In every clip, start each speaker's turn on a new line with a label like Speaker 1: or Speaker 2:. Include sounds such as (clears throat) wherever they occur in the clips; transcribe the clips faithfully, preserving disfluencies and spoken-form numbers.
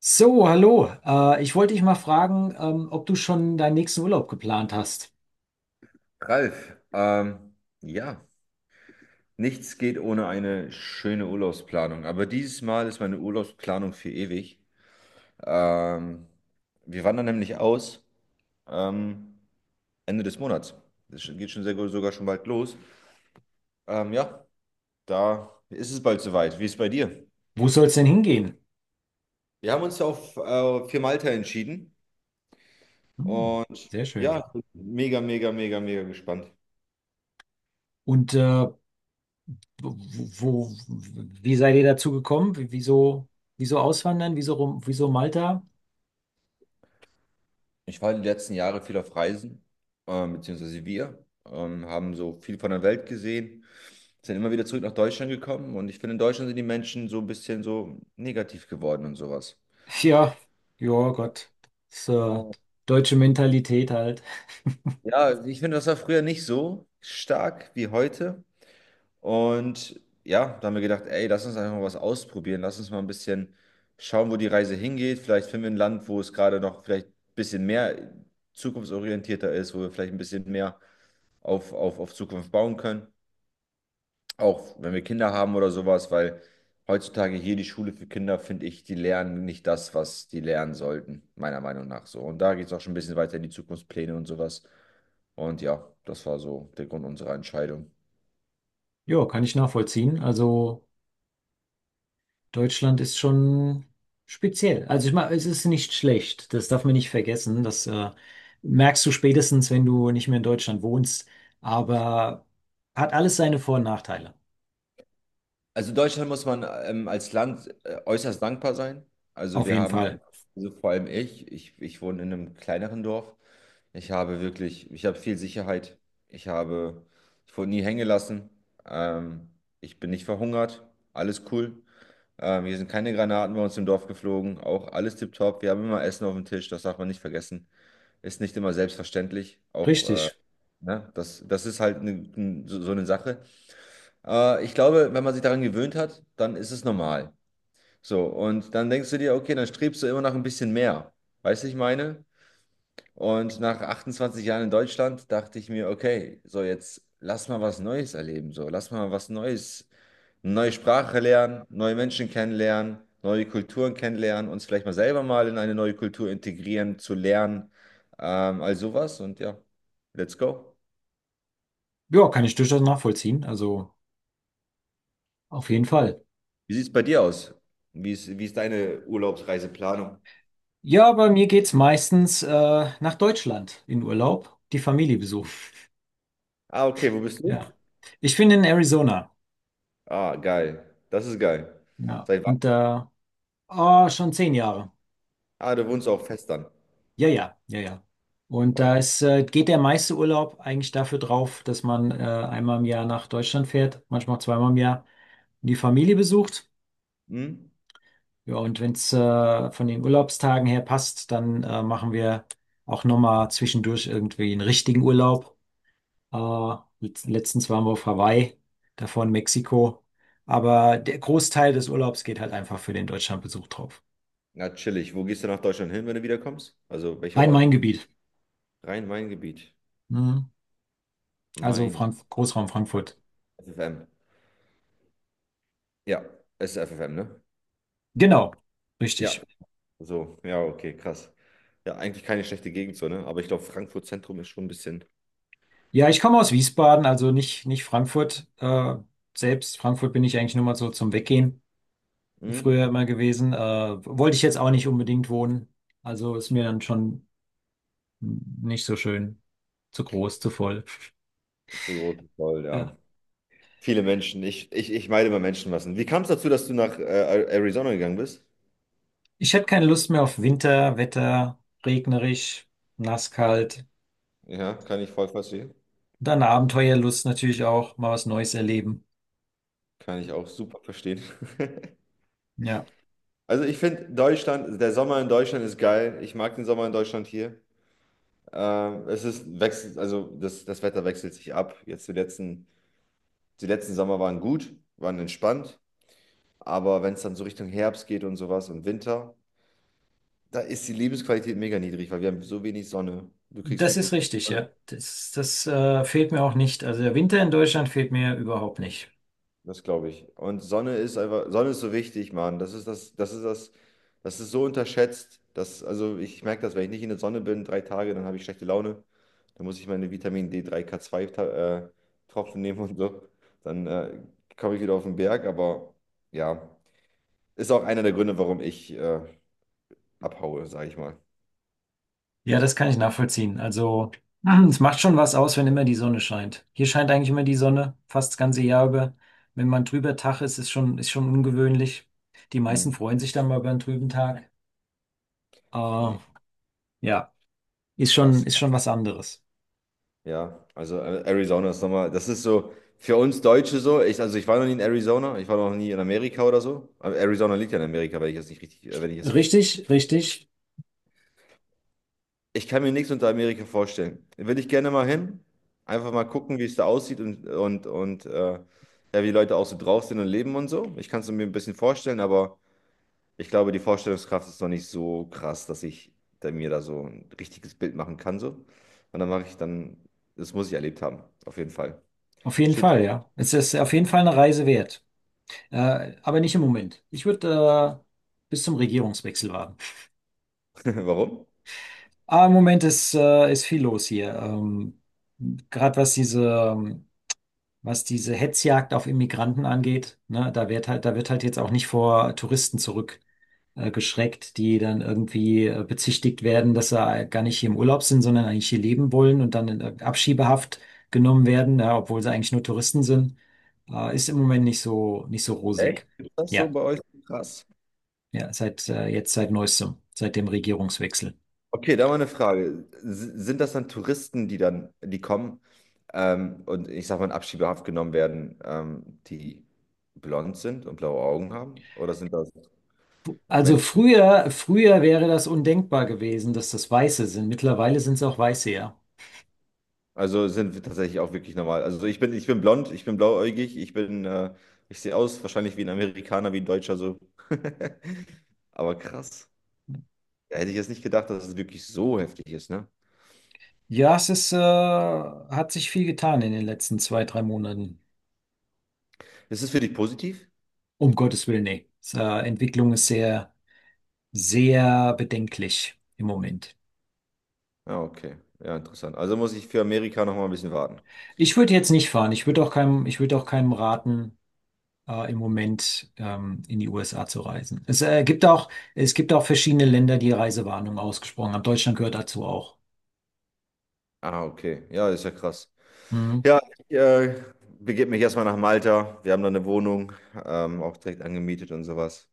Speaker 1: So, hallo. Äh, ich wollte dich mal fragen, ähm, ob du schon deinen nächsten Urlaub geplant hast.
Speaker 2: Ralf, ähm, ja, nichts geht ohne eine schöne Urlaubsplanung. Aber dieses Mal ist meine Urlaubsplanung für ewig. Ähm, Wir wandern nämlich aus ähm, Ende des Monats. Das geht schon sehr, sogar schon bald los. Ähm, ja, da ist es bald soweit. Wie ist es bei dir?
Speaker 1: Wo soll es denn hingehen?
Speaker 2: Wir haben uns ja auf äh, für Malta entschieden
Speaker 1: Hm,
Speaker 2: und
Speaker 1: sehr schön.
Speaker 2: ja, mega, mega, mega, mega gespannt.
Speaker 1: Und äh, wo, wo, wie seid ihr dazu gekommen? W- Wieso, wieso auswandern? Wieso, rum- wieso Malta?
Speaker 2: Ich war die letzten Jahre viel auf Reisen, ähm, beziehungsweise wir, ähm, haben so viel von der Welt gesehen, sind immer wieder zurück nach Deutschland gekommen und ich finde, in Deutschland sind die Menschen so ein bisschen so negativ geworden und sowas.
Speaker 1: (laughs) Ja, ja, Gott. Das, äh,
Speaker 2: Oh,
Speaker 1: Deutsche Mentalität halt. (laughs)
Speaker 2: ja, ich finde, das war früher nicht so stark wie heute. Und ja, da haben wir gedacht, ey, lass uns einfach mal was ausprobieren. Lass uns mal ein bisschen schauen, wo die Reise hingeht. Vielleicht finden wir ein Land, wo es gerade noch vielleicht ein bisschen mehr zukunftsorientierter ist, wo wir vielleicht ein bisschen mehr auf, auf, auf Zukunft bauen können. Auch wenn wir Kinder haben oder sowas, weil heutzutage hier die Schule für Kinder, finde ich, die lernen nicht das, was die lernen sollten, meiner Meinung nach so. Und da geht es auch schon ein bisschen weiter in die Zukunftspläne und sowas. Und ja, das war so der Grund unserer Entscheidung.
Speaker 1: Ja, kann ich nachvollziehen. Also, Deutschland ist schon speziell. Also ich meine, es ist nicht schlecht. Das darf man nicht vergessen. Das äh, Merkst du spätestens, wenn du nicht mehr in Deutschland wohnst. Aber hat alles seine Vor- und Nachteile.
Speaker 2: Also Deutschland muss man ähm, als Land äh, äußerst dankbar sein. Also
Speaker 1: Auf
Speaker 2: wir
Speaker 1: jeden
Speaker 2: haben,
Speaker 1: Fall.
Speaker 2: also vor allem ich, ich, ich wohne in einem kleineren Dorf. Ich habe wirklich, ich habe viel Sicherheit. Ich habe, ich wurde nie hängen gelassen. Ähm, Ich bin nicht verhungert. Alles cool. Ähm, hier sind keine Granaten bei uns im Dorf geflogen. Auch alles tipptopp. Wir haben immer Essen auf dem Tisch. Das darf man nicht vergessen. Ist nicht immer selbstverständlich. Auch, äh,
Speaker 1: Richtig.
Speaker 2: ne? Das, das ist halt ne- n- so so eine Sache. Äh, ich glaube, wenn man sich daran gewöhnt hat, dann ist es normal. So, und dann denkst du dir, okay, dann strebst du immer nach ein bisschen mehr. Weißt du, ich meine? Und nach achtundzwanzig Jahren in Deutschland dachte ich mir, okay, so jetzt lass mal was Neues erleben. So, lass mal was Neues, eine neue Sprache lernen, neue Menschen kennenlernen, neue Kulturen kennenlernen, uns vielleicht mal selber mal in eine neue Kultur integrieren, zu lernen, ähm, all sowas. Und ja, let's go.
Speaker 1: Ja, kann ich durchaus nachvollziehen. Also auf jeden Fall.
Speaker 2: Wie sieht es bei dir aus? Wie ist, wie ist deine Urlaubsreiseplanung?
Speaker 1: Ja, bei mir geht's meistens äh, nach Deutschland in Urlaub, die Familie besuchen. (laughs)
Speaker 2: Ah, okay, wo bist du?
Speaker 1: Ja. Ich bin in Arizona.
Speaker 2: Ah, geil. Das ist geil.
Speaker 1: Ja.
Speaker 2: Seit wann?
Speaker 1: Und da, oh, schon zehn Jahre.
Speaker 2: Ah, du wohnst auch fest dann.
Speaker 1: Ja, ja, ja, ja. Und da
Speaker 2: Oh,
Speaker 1: ist, äh, geht der meiste Urlaub eigentlich dafür drauf, dass man äh, einmal im Jahr nach Deutschland fährt, manchmal auch zweimal im Jahr, und die Familie besucht.
Speaker 2: hm?
Speaker 1: Ja, und wenn es äh, von den Urlaubstagen her passt, dann äh, machen wir auch nochmal zwischendurch irgendwie einen richtigen Urlaub. Äh, letz- letztens waren wir auf Hawaii, davor in Mexiko. Aber der Großteil des Urlaubs geht halt einfach für den Deutschlandbesuch drauf.
Speaker 2: Na, chillig. Wo gehst du nach Deutschland hin, wenn du wiederkommst? Also, welcher Ort?
Speaker 1: Rhein-Main-Gebiet.
Speaker 2: Rhein-Main-Gebiet.
Speaker 1: Mhm. Also
Speaker 2: Main.
Speaker 1: Frank Großraum Frankfurt.
Speaker 2: F F M. Ja, es ist F F M, ne?
Speaker 1: Genau,
Speaker 2: Ja.
Speaker 1: richtig.
Speaker 2: So, ja, okay, krass. Ja, eigentlich keine schlechte Gegend so, ne? Aber ich glaube, Frankfurt Zentrum ist schon ein bisschen
Speaker 1: Ja, ich komme aus Wiesbaden, also nicht, nicht Frankfurt. Äh, selbst Frankfurt bin ich eigentlich nur mal so zum Weggehen
Speaker 2: hm?
Speaker 1: früher immer gewesen. Äh, wollte ich jetzt auch nicht unbedingt wohnen. Also ist mir dann schon nicht so schön, zu groß, zu voll.
Speaker 2: Zu groß. Voll,
Speaker 1: Ja.
Speaker 2: ja. Viele Menschen. Ich, ich, ich meide immer Menschenmassen. Wie kam es dazu, dass du nach äh, Arizona gegangen bist?
Speaker 1: Ich hätte keine Lust mehr auf Winter, Wetter, regnerisch, nass, kalt.
Speaker 2: Ja, kann ich voll verstehen.
Speaker 1: Dann Abenteuerlust natürlich auch, mal was Neues erleben.
Speaker 2: Kann ich auch super verstehen. (laughs)
Speaker 1: Ja,
Speaker 2: Also ich finde Deutschland, der Sommer in Deutschland ist geil. Ich mag den Sommer in Deutschland hier. Ähm, es ist wechselt, also das, das Wetter wechselt sich ab. Jetzt die letzten, die letzten Sommer waren gut, waren entspannt. Aber wenn es dann so Richtung Herbst geht und sowas und Winter, da ist die Lebensqualität mega niedrig, weil wir haben so wenig Sonne. Du kriegst
Speaker 1: das ist
Speaker 2: wirklich
Speaker 1: richtig,
Speaker 2: keine.
Speaker 1: ja. Das, das äh, Fehlt mir auch nicht. Also der Winter in Deutschland fehlt mir überhaupt nicht.
Speaker 2: Das glaube ich. Und Sonne ist einfach, Sonne ist so wichtig, Mann. Das ist das, das ist das, das ist so unterschätzt. Das, also ich merke das, wenn ich nicht in der Sonne bin, drei Tage, dann habe ich schlechte Laune. Dann muss ich meine Vitamin D drei, K zwei Ta- äh, Tropfen nehmen und so. Dann äh, komme ich wieder auf den Berg. Aber ja, ist auch einer der Gründe, warum ich äh, abhaue, sage ich mal.
Speaker 1: Ja, das kann ich nachvollziehen. Also, (clears throat) es macht schon was aus, wenn immer die Sonne scheint. Hier scheint eigentlich immer die Sonne, fast das ganze Jahr über. Wenn man trüber Tag ist, ist schon, ist schon ungewöhnlich. Die meisten
Speaker 2: Mhm.
Speaker 1: freuen sich dann mal über einen trüben Tag.
Speaker 2: Nee,
Speaker 1: Aber ja, ist schon,
Speaker 2: krass.
Speaker 1: ist schon was anderes.
Speaker 2: Ja, also äh, Arizona ist nochmal, das ist so für uns Deutsche so. Ich, also ich war noch nie in Arizona, ich war noch nie in Amerika oder so. Aber Arizona liegt ja in Amerika, wenn ich es nicht richtig, äh, wenn ich es falsch.
Speaker 1: Richtig, richtig.
Speaker 2: Ich kann mir nichts unter Amerika vorstellen. Will ich gerne mal hin, einfach mal gucken, wie es da aussieht und und und äh, ja, wie die Leute auch so drauf sind und leben und so. Ich kann es mir ein bisschen vorstellen, aber ich glaube, die Vorstellungskraft ist noch nicht so krass, dass ich da mir da so ein richtiges Bild machen kann so. Und dann mache ich dann, das muss ich erlebt haben, auf jeden Fall.
Speaker 1: Auf jeden
Speaker 2: Steht,
Speaker 1: Fall, ja. Es ist auf jeden Fall eine Reise wert. Äh, aber nicht im Moment. Ich würde äh, bis zum Regierungswechsel warten.
Speaker 2: (laughs) warum?
Speaker 1: Aber im Moment ist, äh, ist viel los hier. Ähm, gerade was diese ähm, was diese Hetzjagd auf Immigranten angeht, ne, da wird halt, da wird halt jetzt auch nicht vor Touristen zurück äh, geschreckt, die dann irgendwie äh, bezichtigt werden, dass sie äh, gar nicht hier im Urlaub sind, sondern eigentlich hier leben wollen und dann in äh, Abschiebehaft genommen werden, ja, obwohl sie eigentlich nur Touristen sind, äh, ist im Moment nicht so, nicht so
Speaker 2: Echt?
Speaker 1: rosig.
Speaker 2: Ist das so
Speaker 1: Ja,
Speaker 2: bei euch krass?
Speaker 1: ja, seit äh, jetzt seit neuestem, seit dem Regierungswechsel.
Speaker 2: Okay, da mal eine Frage. S- Sind das dann Touristen, die dann, die kommen ähm, und ich sag mal in Abschiebehaft genommen werden, ähm, die blond sind und blaue Augen haben? Oder sind das
Speaker 1: Also
Speaker 2: Menschen?
Speaker 1: früher, früher wäre das undenkbar gewesen, dass das Weiße sind. Mittlerweile sind es auch Weiße, ja.
Speaker 2: Also sind wir tatsächlich auch wirklich normal. Also ich bin, ich bin blond, ich bin blauäugig, ich bin, äh, ich sehe aus wahrscheinlich wie ein Amerikaner, wie ein Deutscher so. (laughs) Aber krass. Da hätte ich jetzt nicht gedacht, dass es wirklich so heftig ist, ne?
Speaker 1: Ja, es ist, äh, hat sich viel getan in den letzten zwei, drei Monaten.
Speaker 2: Ist es für dich positiv?
Speaker 1: Um Gottes Willen, nee. Es, äh, Entwicklung ist sehr, sehr bedenklich im Moment.
Speaker 2: Ja, okay. Ja, interessant. Also muss ich für Amerika noch mal ein bisschen warten.
Speaker 1: Ich würde jetzt nicht fahren. Ich würde auch keinem, ich würde auch keinem raten, äh, im Moment ähm, in die U S A zu reisen. Es äh, gibt auch, es gibt auch verschiedene Länder, die Reisewarnungen ausgesprochen haben. Deutschland gehört dazu auch.
Speaker 2: Ah, okay. Ja, das ist ja krass.
Speaker 1: Mhm.
Speaker 2: Ja, ich äh, begebe mich erstmal nach Malta. Wir haben da eine Wohnung, ähm, auch direkt angemietet und sowas.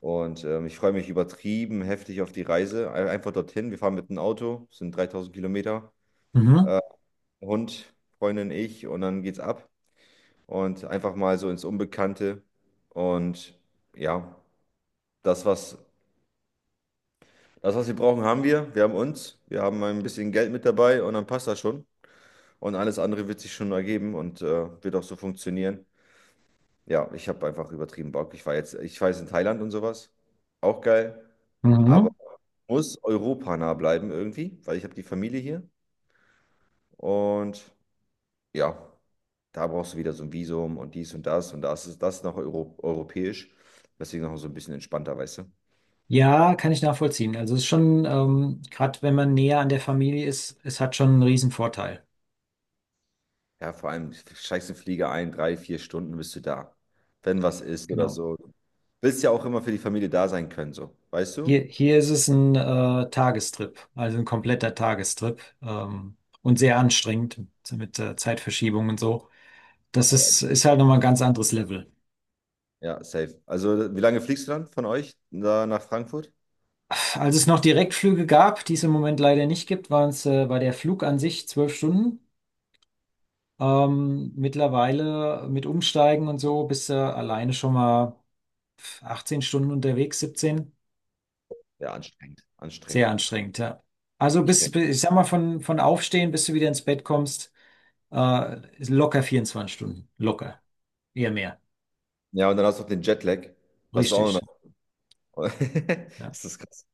Speaker 2: Und ähm, ich freue mich übertrieben heftig auf die Reise. Ein- Einfach dorthin. Wir fahren mit dem Auto, sind dreitausend Kilometer.
Speaker 1: Mhm.
Speaker 2: Äh, Hund, Freundin, ich und dann geht's ab. Und einfach mal so ins Unbekannte. Und ja, das, was, das, was wir brauchen, haben wir. Wir haben uns. Wir haben ein bisschen Geld mit dabei und dann passt das schon. Und alles andere wird sich schon ergeben und äh, wird auch so funktionieren. Ja, ich habe einfach übertrieben Bock. Ich war jetzt, ich war jetzt in Thailand und sowas. Auch geil. Aber
Speaker 1: Mhm.
Speaker 2: muss europanah bleiben irgendwie, weil ich habe die Familie hier. Und ja, da brauchst du wieder so ein Visum und dies und das. Und das ist das ist noch Euro europäisch. Deswegen noch so ein bisschen entspannter, weißt du?
Speaker 1: Ja, kann ich nachvollziehen. Also es ist schon, ähm, gerade wenn man näher an der Familie ist, es hat schon einen riesen Vorteil.
Speaker 2: Ja, vor allem steigst du Flieger ein, drei, vier Stunden bist du da. Wenn was ist oder
Speaker 1: Genau.
Speaker 2: so. Willst ja auch immer für die Familie da sein können, so. Weißt
Speaker 1: Hier,
Speaker 2: du?
Speaker 1: hier ist es ein äh, Tagestrip, also ein kompletter Tagestrip ähm, und sehr anstrengend mit äh, Zeitverschiebung und so. Das ist, ist halt nochmal ein ganz anderes Level.
Speaker 2: Ja, safe. Also, wie lange fliegst du dann von euch da nach Frankfurt?
Speaker 1: Als es noch Direktflüge gab, die es im Moment leider nicht gibt, waren es äh, war der Flug an sich zwölf Stunden. Ähm, mittlerweile mit Umsteigen und so bist du alleine schon mal achtzehn Stunden unterwegs, siebzehn.
Speaker 2: Ja, anstrengend.
Speaker 1: Sehr
Speaker 2: Anstrengend.
Speaker 1: anstrengend, ja. Also bis,
Speaker 2: Anstrengend.
Speaker 1: bis ich sag mal, von, von Aufstehen, bis du wieder ins Bett kommst. Äh, ist locker vierundzwanzig Stunden. Locker. Eher mehr.
Speaker 2: Ja, und dann hast du noch den Jetlag. Das ist auch noch.
Speaker 1: Richtig.
Speaker 2: (laughs)
Speaker 1: Ja,
Speaker 2: Ist das krass.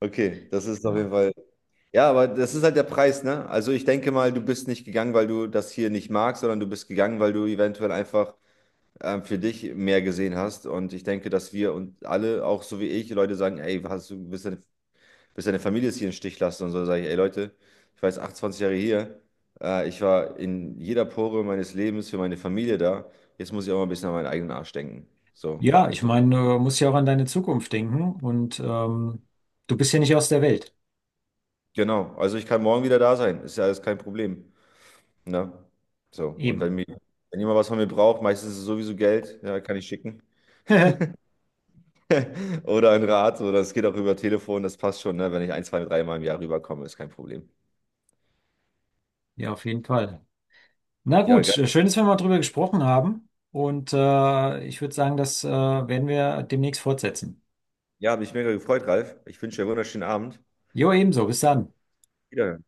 Speaker 2: Okay, das ist auf jeden
Speaker 1: ja.
Speaker 2: Fall. Ja, aber das ist halt der Preis, ne? Also, ich denke mal, du bist nicht gegangen, weil du das hier nicht magst, sondern du bist gegangen, weil du eventuell einfach ähm, für dich mehr gesehen hast. Und ich denke, dass wir und alle, auch so wie ich, Leute sagen: Ey, hast du, bist du bis deine Familie es hier im Stich lässt und so, dann sage ich, ey Leute, ich war jetzt achtundzwanzig Jahre hier, äh, ich war in jeder Pore meines Lebens für meine Familie da, jetzt muss ich auch mal ein bisschen an meinen eigenen Arsch denken. So,
Speaker 1: Ja,
Speaker 2: auch
Speaker 1: ich
Speaker 2: gut. Deutsch.
Speaker 1: meine, du musst ja auch an deine Zukunft denken und ähm, du bist ja nicht aus der Welt.
Speaker 2: Genau, also ich kann morgen wieder da sein, ist ja alles kein Problem. Ne? So, und wenn
Speaker 1: Eben.
Speaker 2: mir, wenn jemand was von mir braucht, meistens ist es sowieso Geld, ja, kann ich schicken.
Speaker 1: (laughs)
Speaker 2: (laughs) Oder ein Rat, oder es geht auch über Telefon, das passt schon, ne? Wenn ich ein, zwei, drei Mal im Jahr rüberkomme, ist kein Problem.
Speaker 1: Ja, auf jeden Fall. Na
Speaker 2: Ja,
Speaker 1: gut,
Speaker 2: geil.
Speaker 1: äh, schön, dass wir mal drüber gesprochen haben. Und äh, ich würde sagen, das äh, werden wir demnächst fortsetzen.
Speaker 2: Ja, hat mich mega gefreut, Ralf. Ich wünsche dir einen wunderschönen Abend.
Speaker 1: Jo, ebenso. Bis dann.
Speaker 2: Wieder.